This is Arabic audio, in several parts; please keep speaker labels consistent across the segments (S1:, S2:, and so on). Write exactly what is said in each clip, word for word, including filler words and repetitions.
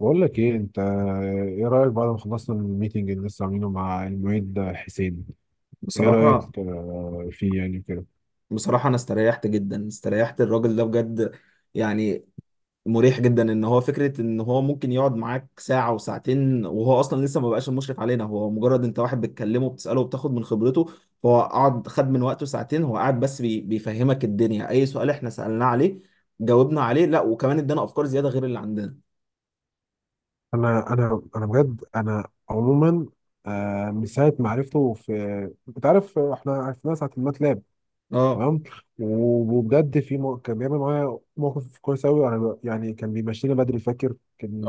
S1: بقول لك ايه، انت ايه رايك بعد ما خلصنا من الميتنج اللي لسه عاملينه مع المعيد حسين؟ ايه
S2: بصراحة
S1: رايك، آه، فيه يعني كده؟
S2: بصراحة أنا استريحت جدا، استريحت. الراجل ده بجد، يعني مريح جدا إن هو فكرة إن هو ممكن يقعد معاك ساعة وساعتين وهو أصلا لسه ما بقاش المشرف علينا، هو مجرد أنت واحد بتكلمه، بتسأله وبتاخد من خبرته. فهو قعد خد من وقته ساعتين، هو قاعد بس بي بيفهمك الدنيا. أي سؤال إحنا سألناه عليه جاوبنا عليه، لا وكمان إدانا أفكار زيادة غير اللي عندنا.
S1: انا انا انا بجد انا عموما، آه، من ساعه ما عرفته في... انت عارف، احنا عرفناه ساعه الماتلاب،
S2: أه
S1: تمام. وبجد في مو... كان بيعمل معايا موقف كويس قوي. انا ب- يعني كان بيمشينا بدري، فاكر.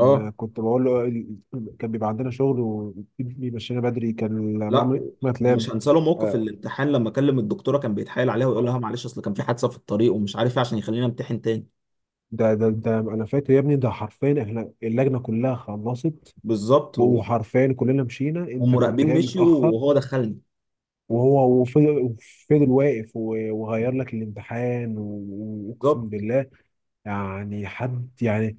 S2: أه
S1: كنت بقول له ال- كان بيبقى عندنا شغل وبيمشينا بدري، كان
S2: لا،
S1: معمل ماتلاب.
S2: مش هنسى له موقف الامتحان لما كلم الدكتورة كان بيتحايل عليها ويقول لها معلش أصل كان في حادثة في الطريق ومش عارف إيه عشان يخلينا امتحن تاني.
S1: ده ده ده، انا فاكر يا ابني. ده حرفيا احنا اللجنه كلها خلصت،
S2: بالظبط و-
S1: وحرفيا كلنا مشينا، انت كنت
S2: ومراقبين
S1: جاي
S2: مشيوا
S1: متاخر.
S2: وهو دخلني.
S1: وهو وفضل وفضل واقف، و- وغير لك الامتحان، و- واقسم
S2: بالظبط.
S1: بالله. يعني حد يعني...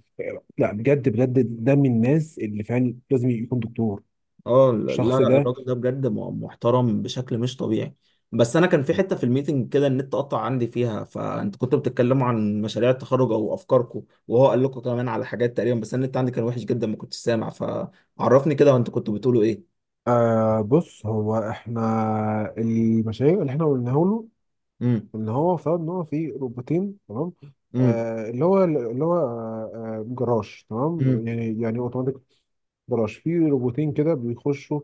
S1: لا بجد، بجد ده من الناس اللي فعلا لازم يكون دكتور.
S2: اه، لا لا
S1: الشخص ده.
S2: الراجل ده بجد م- محترم بشكل مش طبيعي. بس انا كان في حته في الميتنج كده النت قطع عندي فيها، فانت كنتوا بتتكلموا عن مشاريع التخرج او افكاركم وهو قال لكم كمان على حاجات تقريبا، بس أنا النت عندي كان وحش جدا، ما كنتش سامع. فعرفني كده، وانت كنتوا بتقولوا ايه؟
S1: آه بص، هو احنا، المشاريع اللي احنا قلناها له،
S2: امم.
S1: ان هو افترض ان هو في روبوتين، تمام.
S2: امم.
S1: آه اللي هو اللي هو آه آه، جراج، تمام،
S2: امم.
S1: يعني يعني اوتوماتيك جراج. في روبوتين كده بيخشوا،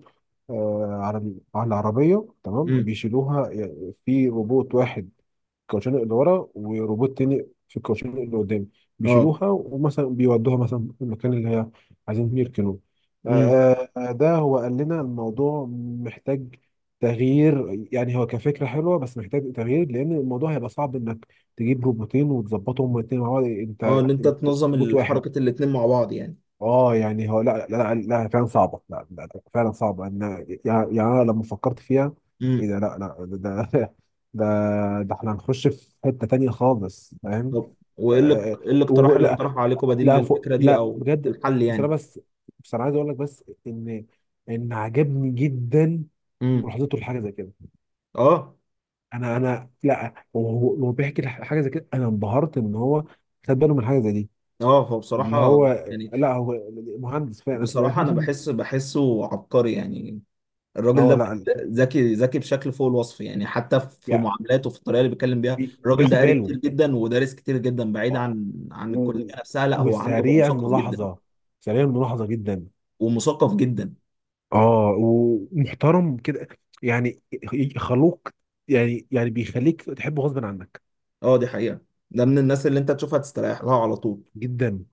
S1: آه، على على العربية، تمام،
S2: امم.
S1: بيشيلوها، يعني في روبوت واحد في الكاوتشين اللي ورا وروبوت تاني في الكاوتشين اللي قدام،
S2: اه.
S1: بيشيلوها ومثلا بيودوها مثلا المكان اللي هي عايزين فيه يركنوه.
S2: امم.
S1: آه، آه، ده هو قال لنا الموضوع محتاج تغيير. يعني هو كفكرة حلوة بس محتاج تغيير، لأن الموضوع هيبقى صعب إنك تجيب روبوتين وتظبطهم الاتنين مع بعض. أنت
S2: اه، ان انت
S1: أنت
S2: تنظم
S1: روبوت واحد.
S2: الحركه الاتنين مع بعض.
S1: اه يعني هو، لا لا لا، لا فعلا صعبه، لا، لا، لا فعلا صعبه ان... يعني يعني انا لما فكرت فيها، ايه
S2: يعني
S1: ده! لا لا ده ده ده, ده احنا هنخش في حته تانية خالص، فاهم؟
S2: طب وايه اللي...
S1: آه
S2: ايه الاقتراح اللي
S1: ولا،
S2: اقترحه عليكم بديل
S1: لا فوق،
S2: للفكره دي
S1: لا
S2: او
S1: بجد.
S2: الحل
S1: بس انا
S2: يعني؟
S1: بس بس انا عايز اقول لك، بس ان ان عجبني جدا
S2: امم.
S1: ملاحظته لحاجه زي كده.
S2: اه.
S1: انا انا، لا وهو وهو بيحكي حاجه زي كده، انا انبهرت ان هو خد باله من حاجه زي دي،
S2: اه، هو
S1: اللي
S2: بصراحه
S1: هو...
S2: يعني،
S1: لا هو مهندس فعلا أنا اسف.
S2: بصراحه انا بحس، بحسه عبقري يعني. الراجل
S1: هو
S2: ده
S1: لا
S2: ذكي، ذكي بشكل فوق الوصف يعني. حتى في
S1: يعني
S2: معاملاته، في الطريقه اللي بيتكلم بيها
S1: بي-
S2: الراجل ده
S1: بياخد
S2: قاري
S1: باله،
S2: كتير جدا، ودارس كتير جدا بعيد
S1: آه،
S2: عن عن
S1: و-
S2: الكليه
S1: و-
S2: نفسها. لا هو عنده، هو
S1: وسريع
S2: مثقف جدا،
S1: الملاحظه، سريع الملاحظه جدا.
S2: ومثقف جدا.
S1: اه ومحترم كده، يعني خلوق، يعني يعني بيخليك تحبه غصب عنك.
S2: اه دي حقيقه. ده من الناس اللي انت تشوفها تستريح لها على طول.
S1: جدا.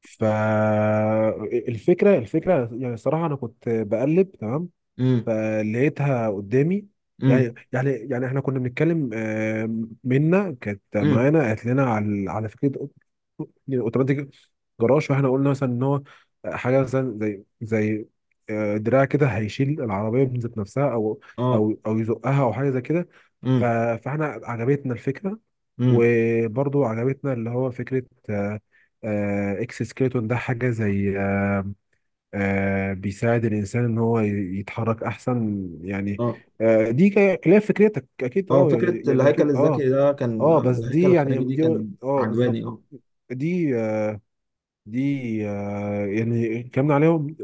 S1: فالفكره الفكره الفكرة، يعني الصراحه انا كنت بقلب تمام
S2: امم.
S1: فلقيتها قدامي.
S2: امم.
S1: يعني يعني يعني احنا كنا بنتكلم، آه، منا كانت
S2: امم.
S1: معانا قالت لنا على على فكره اوتوماتيك جراج، فاحنا قلنا مثلا ان هو حاجه مثلا زي زي آه، دراع كده، هيشيل العربيه من ذات نفسها، او
S2: اه.
S1: او او يزقها، او حاجه زي كده. ف-
S2: امم.
S1: فاحنا عجبتنا الفكره.
S2: امم.
S1: وبرضو عجبتنا اللي هو فكره آه، آه، اكس سكيلتون، ده حاجه زي آه، آه، بيساعد الإنسان إن هو ي- يتحرك أحسن، يعني.
S2: اه.
S1: آه، دي ك- خلاف فكرتك أكيد،
S2: اه،
S1: أه يعني
S2: فكرة
S1: يعني
S2: الهيكل
S1: أكيد أه.
S2: الذكي ده كان،
S1: أه بس
S2: الهيكل
S1: دي يعني
S2: الخارجي دي
S1: دي.
S2: كان
S1: أه بالظبط،
S2: عجباني اه.
S1: دي آه، دي، آه، يعني اتكلمنا عليهم.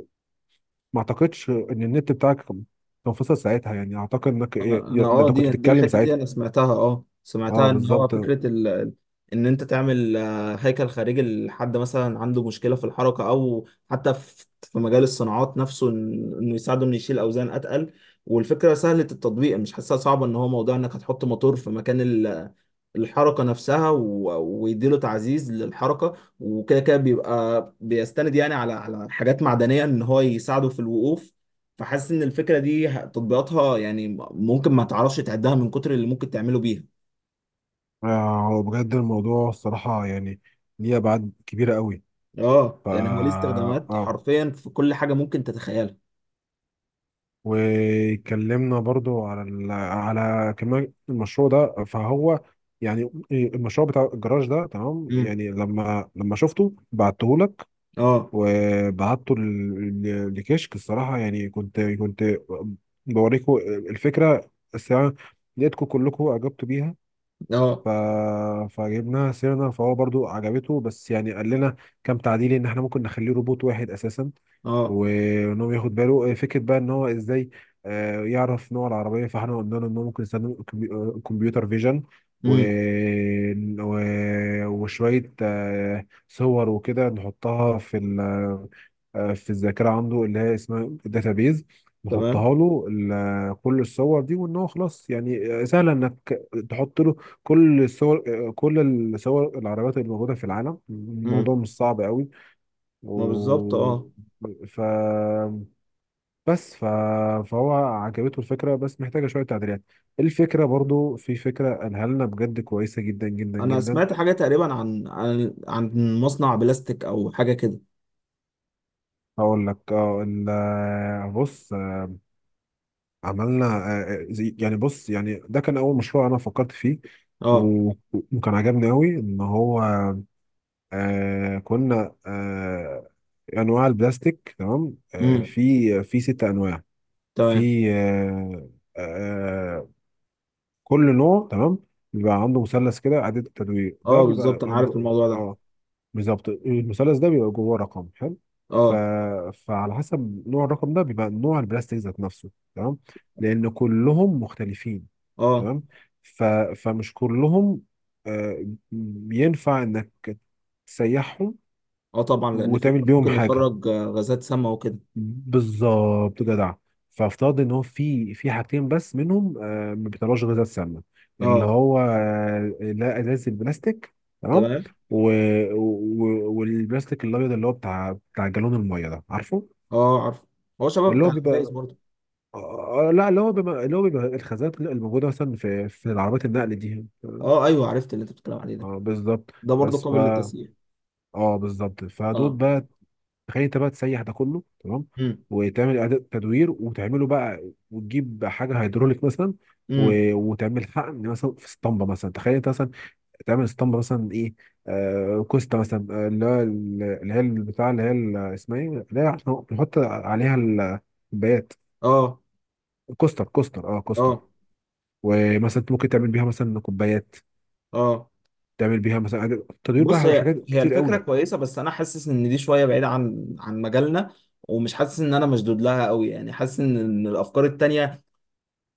S1: ما أعتقدش إن النت بتاعك كان كان فصل ساعتها، يعني أعتقد إنك ي-
S2: انا
S1: ي-
S2: انا
S1: ده
S2: اه
S1: أنت كنت
S2: دي دي
S1: بتتكلم
S2: الحتة دي
S1: ساعتها.
S2: انا سمعتها، اه
S1: أه
S2: سمعتها ان هو
S1: بالظبط.
S2: فكرة ال... ال- ان انت تعمل آه، هيكل خارجي لحد مثلا عنده مشكلة في الحركة، او حتى في في مجال الصناعات نفسه، إن- انه يساعده، انه يشيل اوزان اتقل. والفكرة سهلة التطبيق، مش حاسسها صعبة. ان هو موضوع انك هتحط موتور في مكان الحركة نفسها و- ويديله تعزيز للحركة، وكده كده بيبقى بيستند يعني على على حاجات معدنية ان هو يساعده في الوقوف. فحاسس ان الفكرة دي ه- تطبيقاتها يعني م- ممكن ما تعرفش تعدها من كتر اللي ممكن تعمله بيها.
S1: آه، بجد الموضوع الصراحة، يعني ليه أبعاد كبيرة قوي.
S2: اه
S1: ف
S2: يعني هو ليه استخدامات
S1: اه
S2: حرفيا في كل حاجة ممكن تتخيلها.
S1: واتكلمنا برضو على ال... على كمان المشروع ده، فهو يعني المشروع بتاع الجراج ده، تمام،
S2: امم.
S1: يعني لما لما شفته بعته لك،
S2: اه.
S1: وبعته ل- لكشك. الصراحة يعني كنت كنت بوريكم الفكرة الساعة، لقيتكم كلكم أعجبتوا بيها.
S2: اه.
S1: ف... فجبناها سيرنا، فهو برضو عجبته، بس يعني قال لنا كام تعديل، ان احنا ممكن نخليه روبوت واحد اساسا،
S2: اه.
S1: وان هو ياخد باله آه، فكره بقى ان هو ازاي آه، يعرف نوع العربيه. فاحنا قلنا له ان هو ممكن يستخدم الكمبي- الكمبيوتر فيجن، و...
S2: امم.
S1: و... وشويه آه، صور وكده نحطها في ال... آه، في الذاكره عنده، اللي هي اسمها الداتابيز.
S2: تمام.
S1: نحطها له ال- كل الصور دي، وان هو خلاص، يعني آه، سهل انك تحط له كل الصور كل الصور العربيات اللي موجوده في العالم،
S2: امم.
S1: الموضوع مش صعب قوي.
S2: ما بالظبط
S1: و
S2: اه.
S1: ف بس ف... فهو عجبته الفكره بس محتاجه شويه تعديلات. الفكره، برضو في فكره قالها لنا بجد كويسه جدا جدا
S2: انا
S1: جدا.
S2: سمعت حاجة تقريبا عن عن عن مصنع بلاستيك او حاجة كده.
S1: هقول لك. اه ال- بص، عملنا آه، زي- يعني بص، يعني ده كان اول مشروع انا فكرت فيه،
S2: اه.
S1: و- وكان عجبني قوي ان هو آه كنا آه انواع البلاستيك، تمام. آه
S2: امم.
S1: في في ست انواع،
S2: تمام.
S1: في آه آه كل نوع، تمام، بيبقى عنده مثلث كده إعادة تدوير، ده
S2: اه بالظبط،
S1: بيبقى...
S2: انا عارف الموضوع ده.
S1: اه بالظبط، المثلث ده بيبقى جواه رقم حلو. ف...
S2: اه.
S1: فعلى حسب نوع الرقم ده بيبقى نوع البلاستيك ذات نفسه، تمام، لأن كلهم مختلفين،
S2: اه.
S1: تمام. ف... فمش كلهم آه ينفع إنك تسيحهم
S2: اه طبعا، لان في
S1: وتعمل بيهم
S2: ممكن
S1: حاجه.
S2: يخرج آه، غازات سامة وكده.
S1: بالظبط جدع. فافترض ان هو في في حاجتين بس منهم آه، ما بيطلعوش غذاء السمنه، اللي
S2: اه.
S1: هو آه، لا، ازاز البلاستيك، تمام.
S2: تمام.
S1: و... و... والبلاستيك الابيض اللي هو بتاع بتاع جالون الميه ده، عارفه؟
S2: اه عارف. هو شباب
S1: اللي هو
S2: بتاع الازايز
S1: بيبقى
S2: برضه.
S1: آه، آه، لا، اللي هو بيبقى اللي هو بيبقى الخزانات اللي موجوده مثلا في في العربيات النقل دي، آه،
S2: اه ايوه، عرفت اللي انت بتتكلم عليه ده.
S1: آه، بالظبط.
S2: ده برضه
S1: بس ف
S2: قابل للتسيير.
S1: اه بالظبط، فدول
S2: اه.
S1: بقى، تخيل انت بقى تسيح ده كله، تمام،
S2: امم.
S1: وتعمل اعاده تدوير وتعمله بقى، وتجيب حاجه هيدروليك مثلا،
S2: امم.
S1: و- وتعمل حقن مثلا في اسطمبه مثلا. تخيل انت مثلا تعمل اسطمبه مثلا ايه، آه كوستا مثلا، آه، اللي هو ال- اللي هي البتاع، اللي هي ال- اسمها ايه، اللي هي عشان بنحط عليها ال- الكوبايات.
S2: اه.
S1: كوستر كوستر اه كوستر
S2: اه.
S1: ومثلا انت ممكن تعمل بيها مثلا كوبايات،
S2: اه،
S1: تعمل بيها مثلا إعادة- تدوير بقى،
S2: بص
S1: على
S2: هي
S1: حاجات
S2: هي
S1: كتير
S2: الفكره
S1: قوي.
S2: كويسه، بس انا حاسس ان دي شويه بعيده عن عن مجالنا، ومش حاسس ان انا مشدود لها قوي يعني. حاسس ان إن الافكار التانيه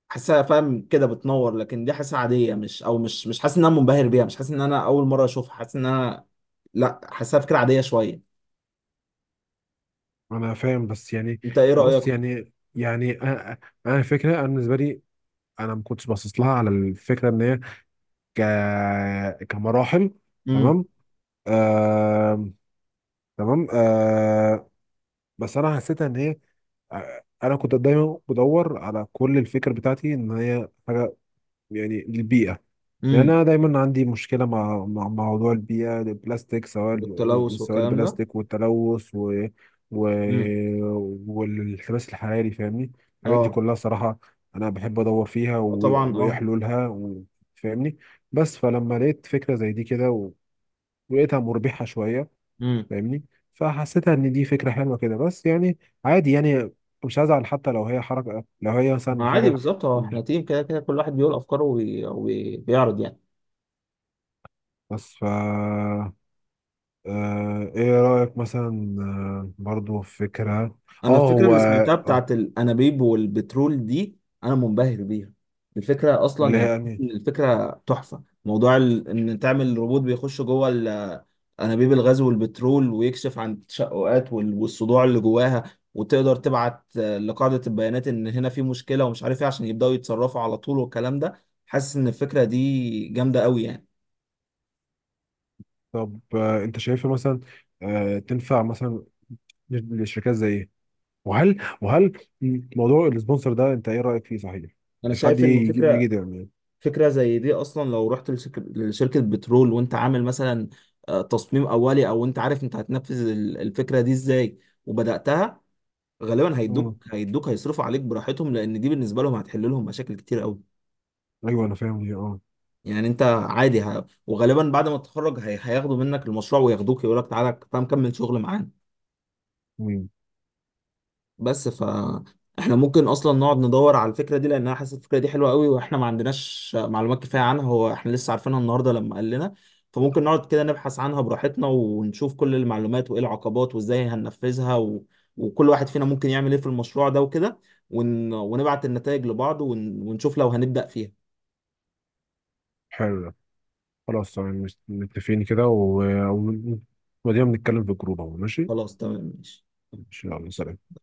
S2: حاسسها فاهم كده بتنور، لكن دي حاسسها عاديه. مش او مش، مش حاسس ان انا منبهر بيها، مش حاسس ان انا اول مره اشوفها. حاسس ان انا، لا حاسسها فكره عاديه شويه.
S1: انا فاهم بس يعني.
S2: انت ايه
S1: بص
S2: رايك؟
S1: يعني، يعني انا أنا الفكره، انا بالنسبه لي، انا ما كنتش باصص لها على الفكره ان هي ك... كمراحل،
S2: امم.
S1: تمام، آه... تمام، آه... بس انا حسيتها ان هي آه، انا كنت دايما بدور على كل الفكره بتاعتي ان هي حاجه يعني للبيئه. يعني
S2: امم.
S1: انا دايما عندي مشكله مع مع مع موضوع البيئه، البلاستيك، سواء ال-
S2: والتلوث
S1: سواء
S2: والكلام ده.
S1: البلاستيك والتلوث، و... و...
S2: امم.
S1: والانحباس الحراري، فاهمني؟ الحاجات دي
S2: اه.
S1: كلها صراحه انا بحب ادور فيها و...
S2: آه طبعا
S1: وايه
S2: اه.
S1: حلولها، و... فاهمني؟ بس فلما لقيت فكره زي دي كده، و... ولقيتها مربحه شويه،
S2: امم.
S1: فاهمني، فحسيتها ان دي فكره حلوه كده، بس يعني عادي يعني. مش هزعل حتى لو هي حركه، لو هي مثلا
S2: ما عادي
S1: حاجه.
S2: بالظبط اه، احنا تيم كده كده كل واحد بيقول افكاره وبيعرض يعني.
S1: بس ف آه، ايه رأيك مثلا، آه، برضو في فكرة،
S2: انا
S1: اه
S2: الفكره
S1: هو
S2: اللي سمعتها
S1: اه
S2: بتاعت الانابيب والبترول دي انا منبهر بيها. الفكره اصلا
S1: اللي
S2: يعني،
S1: هي يعني...
S2: الفكره تحفه. موضوع ال- ان تعمل روبوت بيخش جوه ال- انابيب الغاز والبترول ويكشف عن التشققات وال- والصدوع اللي جواها، وتقدر تبعت آه، لقاعده البيانات ان هنا في مشكله ومش عارف ايه عشان يبداوا يتصرفوا على طول والكلام ده. حاسس ان الفكره دي جامده قوي يعني.
S1: طب آه، انت شايفها مثلا آه، تنفع مثلا لشركات زي ايه؟ وهل وهل موضوع السبونسر ده انت ايه رأيك فيه، صحيح؟
S2: انا
S1: حد
S2: شايف ان
S1: يجي يجي
S2: الفكره،
S1: ده، يعني...
S2: فكرة زي دي أصلا لو رحت لشك- لشركة بترول، وأنت عامل مثلا آه، تصميم أولي، أو أنت عارف أنت هتنفذ ال- الفكرة دي إزاي وبدأتها، غالبا
S1: مم.
S2: هيدوك هيدوك هيصرفوا عليك براحتهم، لأن دي بالنسبة لهم هتحل لهم مشاكل كتير أوي.
S1: ايوه انا فاهم دي، اه
S2: يعني أنت عادي ه... وغالبا بعد ما تتخرج هي... هياخدوا منك المشروع وياخدوك، يقول لك تعالى تعالى نكمل شغل معانا.
S1: مم.
S2: بس ف احنا ممكن اصلا نقعد ندور على الفكره دي لانها، حاسس الفكره دي حلوه قوي، واحنا ما عندناش معلومات كفايه عنها. هو احنا لسه عارفينها النهارده لما قال لنا. فممكن نقعد كده نبحث عنها براحتنا ونشوف كل المعلومات وايه العقبات وازاي هننفذها، و... وكل واحد فينا ممكن يعمل ايه في المشروع ده وكده، ون... ونبعت النتائج لبعض، ون... ونشوف لو هنبدأ فيها.
S1: حلو ده، خلاص تمام، متفقين كده، و... و... ودينا بنتكلم في الجروب اهو، ماشي.
S2: خلاص تمام ماشي.
S1: ان شاء الله،
S2: ماشي.
S1: سلام.